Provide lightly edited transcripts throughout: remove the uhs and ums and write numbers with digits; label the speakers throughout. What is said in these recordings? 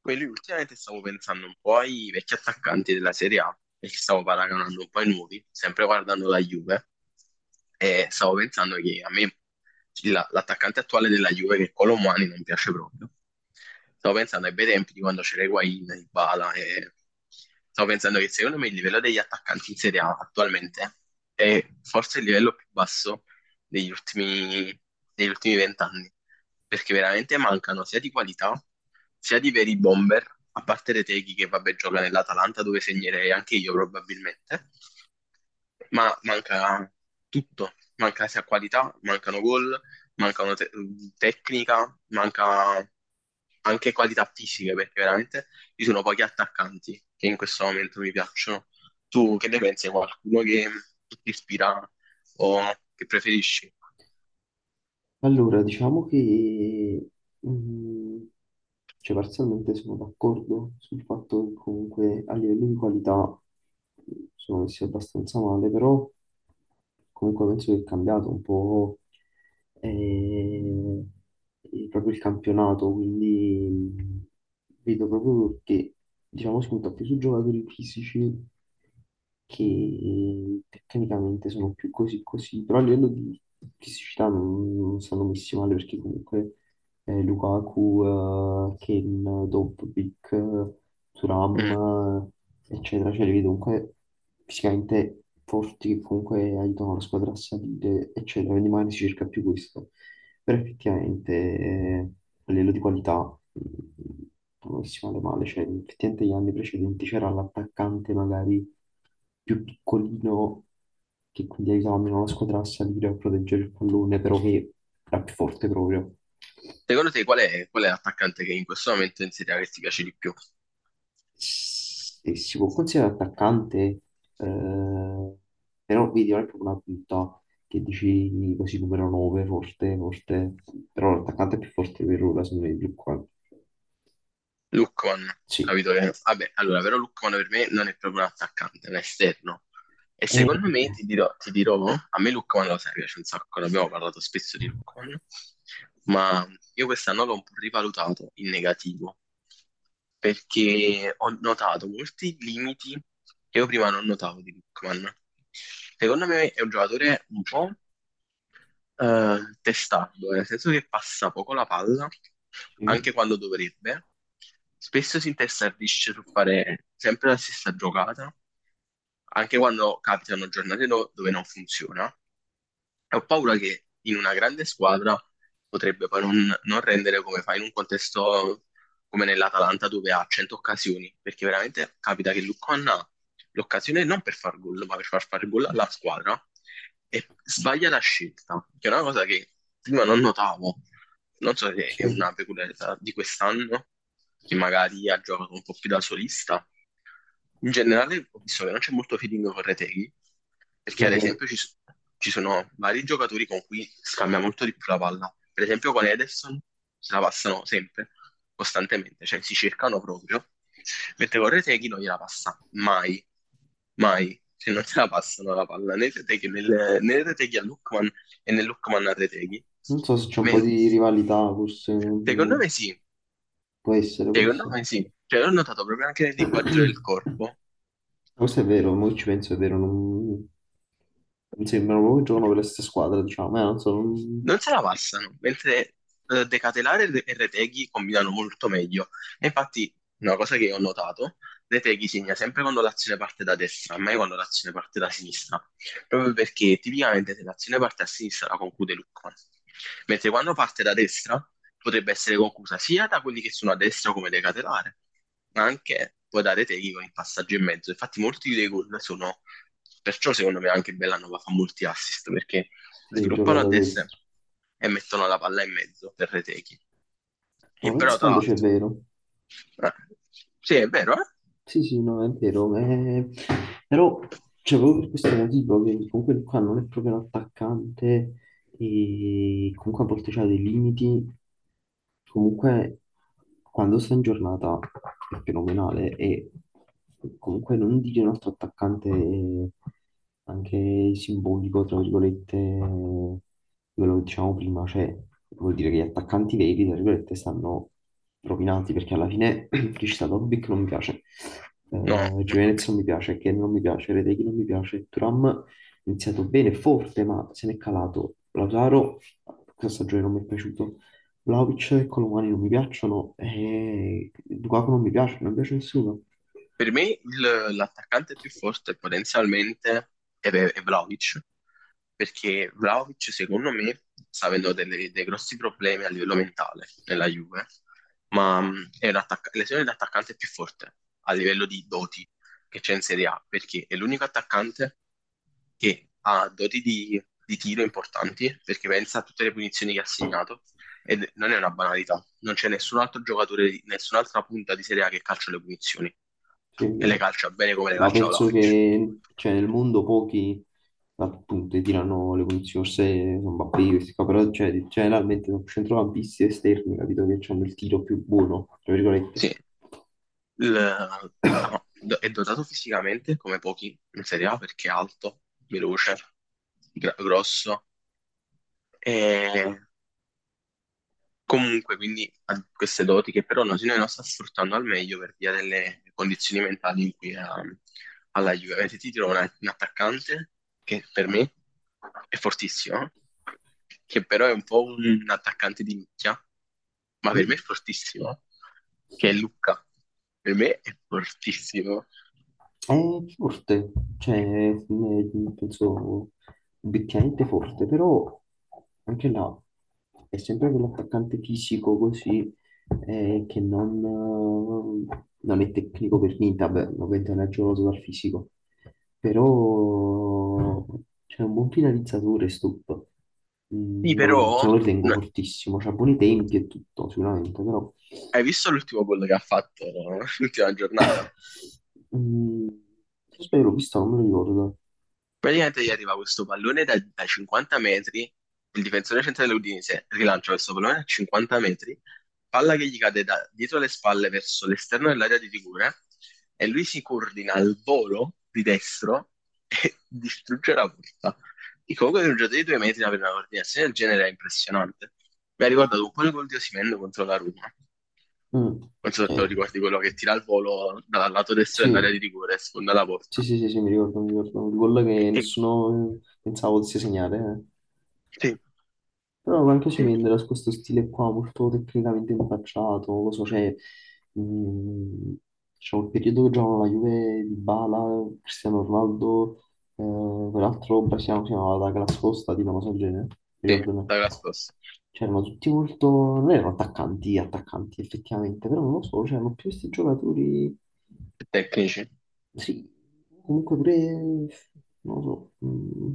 Speaker 1: Quelli ultimamente stavo pensando un po' ai vecchi attaccanti della Serie A, perché stavo paragonando un po' ai nuovi, sempre guardando la Juve, e stavo pensando che a me l'attaccante attuale della Juve, che è Colomani, non piace proprio. Stavo pensando ai bei tempi di quando c'era Higuain, Dybala e stavo pensando che secondo me il livello degli attaccanti in Serie A attualmente è forse il livello più basso degli ultimi degli ultimi 20 anni, perché veramente mancano sia di qualità sia di veri bomber, a parte Retegui che vabbè gioca nell'Atalanta dove segnerei anche io probabilmente, ma manca tutto, manca sia qualità, mancano gol, manca una tecnica, manca anche qualità fisiche, perché veramente ci sono pochi attaccanti che in questo momento mi piacciono. Tu che ne pensi? Qualcuno che ti ispira o che preferisci?
Speaker 2: Allora, diciamo che, mm, cioè, parzialmente sono d'accordo sul fatto che comunque a livello di qualità sono messi abbastanza male, però comunque penso che è cambiato un po' eh, proprio il campionato, quindi vedo proprio che diciamo, spunta più su giocatori fisici che tecnicamente sono più così così, però a livello di fisicità non stanno messi male perché comunque Lukaku, Kane, Dobbik,
Speaker 1: Mm.
Speaker 2: Thuram, eccetera, cioè li vedo comunque fisicamente forti che comunque aiutano la squadra a salire, eccetera, quindi magari si cerca più questo. Però effettivamente a livello di qualità non si male male, cioè effettivamente gli anni precedenti c'era l'attaccante magari più piccolino che quindi aiutava meno la squadra a salire a proteggere il pallone, però che era più forte proprio.
Speaker 1: Secondo te qual è l'attaccante che in questo momento in Serie A che ti piace di più?
Speaker 2: Se si può considerare attaccante, eh, però vedi, non è proprio una punta che dici così numero 9, forte, forte, però l'attaccante più forte per ora, secondo me, più qua.
Speaker 1: Lookman,
Speaker 2: Sì.
Speaker 1: capito? Vabbè, allora, però Lookman per me non è proprio un attaccante, è un esterno. E
Speaker 2: Eh,
Speaker 1: secondo me, ti dirò, a me Lookman lo sai, piace un sacco, ne abbiamo parlato spesso di Lookman, ma io quest'anno l'ho un po' rivalutato in negativo, perché ho notato molti limiti che io prima non notavo di Lookman. Secondo me è un giocatore un po' testardo, nel senso che passa poco la palla,
Speaker 2: sì,
Speaker 1: anche quando dovrebbe. Spesso si intestardisce su fare sempre la stessa giocata, anche quando capitano giornate dove non funziona. E ho paura che in una grande squadra potrebbe poi non rendere come fa in un contesto come nell'Atalanta dove ha 100 occasioni, perché veramente capita che Lucon ha l'occasione non per far gol, ma per far fare gol alla squadra e sbaglia la scelta, che è una cosa che prima non notavo. Non so se è
Speaker 2: sì,
Speaker 1: una peculiarità di quest'anno, che magari ha giocato un po' più da solista, in generale ho visto che non c'è molto feeling con Retegui, perché
Speaker 2: è
Speaker 1: ad
Speaker 2: vero.
Speaker 1: esempio ci sono vari giocatori con cui scambia molto di più la palla. Per esempio con Ederson se la passano sempre, costantemente, cioè si cercano proprio, mentre con Retegui non gliela passa mai, mai. Se non se la passano la palla né Retegui, né Retegui a Lookman e né Lookman a Retegui.
Speaker 2: Non so se c'è un po'
Speaker 1: Men-
Speaker 2: di rivalità, forse,
Speaker 1: Secondo me sì.
Speaker 2: può essere, può
Speaker 1: Secondo
Speaker 2: essere.
Speaker 1: me sì, cioè l'ho notato proprio anche nel linguaggio del corpo.
Speaker 2: Questo è vero, mo che ci penso, è vero, non sembrano proprio che giocano per la stessa squadra, diciamo, non so, non...
Speaker 1: Non se la passano, mentre De Ketelare e Retegui combinano molto meglio. E infatti, una cosa che ho notato, Retegui segna sempre quando l'azione parte da destra, mai quando l'azione parte da sinistra, proprio perché tipicamente se l'azione parte a sinistra la conclude Lukman, mentre quando parte da destra potrebbe essere conclusa sia da quelli che sono a destra come De Ketelare, ma anche poi da Retegui con il passaggio in mezzo. Infatti molti dei gol sono, perciò secondo me anche Bellanova fa molti assist, perché
Speaker 2: Sì, gioca
Speaker 1: sviluppano a
Speaker 2: da.
Speaker 1: destra e mettono la palla in mezzo per Retechi.
Speaker 2: No,
Speaker 1: E però, tra
Speaker 2: pensandoci è
Speaker 1: l'altro,
Speaker 2: vero.
Speaker 1: eh, sì, è vero, eh?
Speaker 2: Sì, sì, no, è vero. Però, cioè, proprio per questo motivo, che comunque qua non è proprio un attaccante e comunque a volte c'ha dei limiti. Comunque, quando sta in giornata è fenomenale e comunque non dire un altro attaccante anche simbolico, tra virgolette, quello che diciamo prima, cioè vuol dire che gli attaccanti veri, tra virgolette, stanno rovinati perché alla fine Felicità Lobby che non mi piace,
Speaker 1: No, manco a me.
Speaker 2: Gimenez non mi piace, Ken non mi piace, Reteghi non mi piace, Turam ha iniziato bene, forte, ma se ne è calato, Lautaro questa stagione non mi è piaciuto, Vlahovic e Colomani non mi piacciono, e Lukaku non mi piace, non mi piace nessuno.
Speaker 1: Per me l'attaccante più forte potenzialmente è Vlahovic, perché Vlahovic secondo me sta avendo dei grossi problemi a livello mentale nella Juve, ma è un l'esempio di attaccante più forte a livello di doti che c'è in Serie A, perché è l'unico attaccante che ha doti di tiro importanti, perché pensa a tutte le punizioni che ha segnato, e non è una banalità, non c'è nessun altro giocatore, nessun'altra punta di Serie A che calcia le punizioni,
Speaker 2: Sì,
Speaker 1: e le calcia bene come le
Speaker 2: ma
Speaker 1: calcia
Speaker 2: penso
Speaker 1: Vlahovic.
Speaker 2: che cioè, nel mondo pochi appunto tirano le posizioni, forse sono Mbappé, questi qua, però cioè, generalmente sono centrocampisti esterni, capito, che hanno il tiro più buono, tra virgolette.
Speaker 1: Sì, Il- ah, no, do- è dotato fisicamente come pochi in Serie A perché è alto, veloce, grosso e comunque quindi ha queste doti che però noi non sta sfruttando al meglio per via delle condizioni mentali in cui è alla Juve. Avete ti trovo un attaccante che per me è fortissimo, che però è un po' un attaccante di nicchia, ma per me è
Speaker 2: Sì.
Speaker 1: fortissimo, che è Luca. Per me è fortissimo.
Speaker 2: È forte, cioè, è- penso, obiettivamente forte, però anche là è sempre quell'attaccante fisico così che non, non è tecnico per niente, vabbè, ovviamente non è giocato dal fisico, però c'è un buon finalizzatore, Stup.
Speaker 1: Sì,
Speaker 2: Non
Speaker 1: però
Speaker 2: lo ritengo
Speaker 1: no,
Speaker 2: fortissimo, c'ha buoni tempi e tutto, sicuramente, però...
Speaker 1: hai visto l'ultimo gol che ha fatto, no? L'ultima giornata?
Speaker 2: Mm, se sbaglio l'ho vista, non me lo ricordo.
Speaker 1: Praticamente gli arriva questo pallone da 50 metri, il difensore centrale dell'Udinese rilancia questo pallone a 50 metri, palla che gli cade da dietro le spalle verso l'esterno dell'area di rigore e lui si coordina al volo di destro e distrugge la porta. E comunque per un giocatore di 2 metri avere una coordinazione del genere è impressionante. Mi ha ricordato un po' il gol di Osimhen contro la Roma.
Speaker 2: Mm,
Speaker 1: Non so se te lo
Speaker 2: eh,
Speaker 1: ricordi, quello che tira il volo dal lato destro dell'area
Speaker 2: sì.
Speaker 1: di rigore e sfonda la
Speaker 2: Sì,
Speaker 1: porta.
Speaker 2: sì, sì, sì, mi ricordo, mi ricordo. Il gol
Speaker 1: E,
Speaker 2: che
Speaker 1: e-
Speaker 2: nessuno pensava potesse segnare. Eh.
Speaker 1: Sì,
Speaker 2: Però anche
Speaker 1: sì.
Speaker 2: Cimendra ha questo stile qua molto tecnicamente impacciato, non lo so, cioè, mh, c'è il periodo che giocavano la Juve di Bala, Cristiano Ronaldo, quell'altro brasiliano che si chiamava la Costa, tipo una cosa del genere,
Speaker 1: Sì, da
Speaker 2: ricordo no.
Speaker 1: quella scorsa.
Speaker 2: C'erano tutti molto, non erano attaccanti, attaccanti effettivamente, però non lo so, c'erano più questi giocatori.
Speaker 1: Tecnici.
Speaker 2: Sì, comunque pure, non lo so,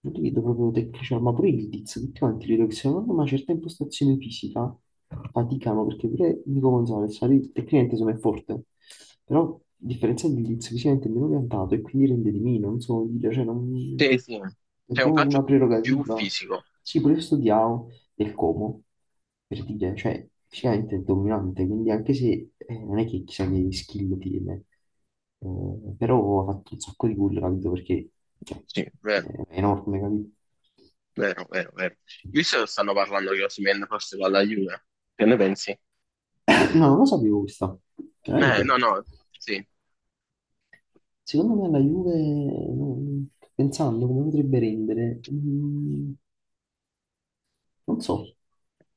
Speaker 2: non li vedo proprio tecnici, ma pure i Lidiz, tutti quanti credo che se non hanno una certa impostazione fisica faticano, perché pure Nico Gonzalez, sai, tecnicamente insomma è forte, però a differenza di Lidiz fisicamente è meno piantato e quindi rende di meno, non so come dire, cioè non...
Speaker 1: Sì, sì.
Speaker 2: è
Speaker 1: C'è un
Speaker 2: proprio una
Speaker 1: calcio più, più
Speaker 2: prerogativa.
Speaker 1: fisico.
Speaker 2: Sì, pure questo Diao del Como, per dire, cioè, fisicamente è dominante, quindi anche se non è che chissà che skill tiene, però ha fatto un sacco di gol, capito? Perché cioè,
Speaker 1: Sì, vero,
Speaker 2: è enorme, capito?
Speaker 1: vero, vero, vero. Io so che stanno parlando che Osimhen forse va alla Juve. Che ne pensi?
Speaker 2: No, non lo sapevo questa, veramente.
Speaker 1: No, no, sì.
Speaker 2: Secondo me la Juve, pensando come potrebbe rendere, non so,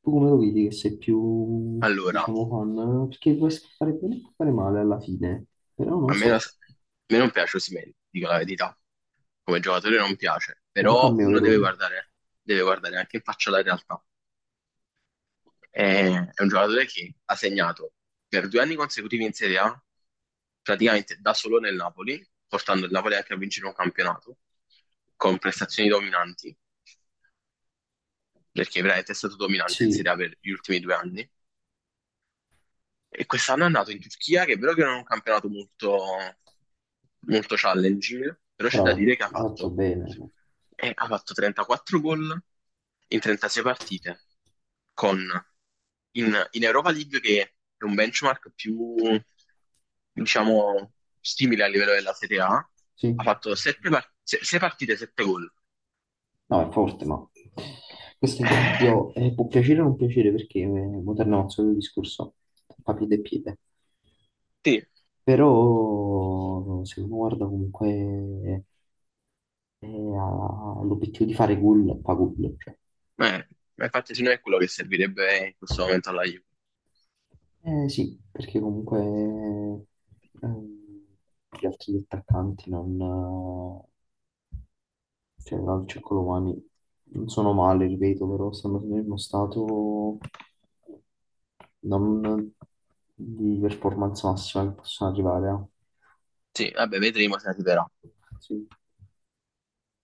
Speaker 2: tu come lo vedi che sei più,
Speaker 1: Allora,
Speaker 2: diciamo, fan? Perché può fare bene e può fare male alla fine, però non so,
Speaker 1: a me non piace Osimhen, dico la verità. Come giocatore non piace,
Speaker 2: non
Speaker 1: però
Speaker 2: cambia
Speaker 1: uno
Speaker 2: overall.
Speaker 1: deve guardare anche in faccia la realtà. È un giocatore che ha segnato per 2 anni consecutivi in Serie A, praticamente da solo nel Napoli, portando il Napoli anche a vincere un campionato, con prestazioni dominanti, perché veramente è stato dominante in
Speaker 2: Sì,
Speaker 1: Serie A per gli ultimi 2 anni. E quest'anno è andato in Turchia, che è vero che non è un campionato molto, molto challenging, però c'è
Speaker 2: però
Speaker 1: da
Speaker 2: ha
Speaker 1: dire che ha
Speaker 2: fatto
Speaker 1: fatto,
Speaker 2: bene,
Speaker 1: eh, ha fatto 34 gol in 36 partite, con in Europa League che è un benchmark più, diciamo, simile a livello della Serie A, ha
Speaker 2: sì,
Speaker 1: fatto 6 partite, 7 gol.
Speaker 2: no, è forte, ma questo
Speaker 1: Eh,
Speaker 2: esempio può piacere o non piacere perché moderno è il solito discorso, papite e piede,
Speaker 1: sì,
Speaker 2: però se uno guarda comunque eh, ha l'obiettivo di fare gol, fa gol, cioè.
Speaker 1: ma infatti se no è quello che servirebbe in questo momento alla Juve.
Speaker 2: Eh sì, perché comunque gli altri attaccanti non, cioè Calcio e Colomani non sono male, ripeto, però stanno nel uno stato non di performance massima che possono arrivare.
Speaker 1: Sì, vabbè, vedremo se arriverà.
Speaker 2: Eh. Sì.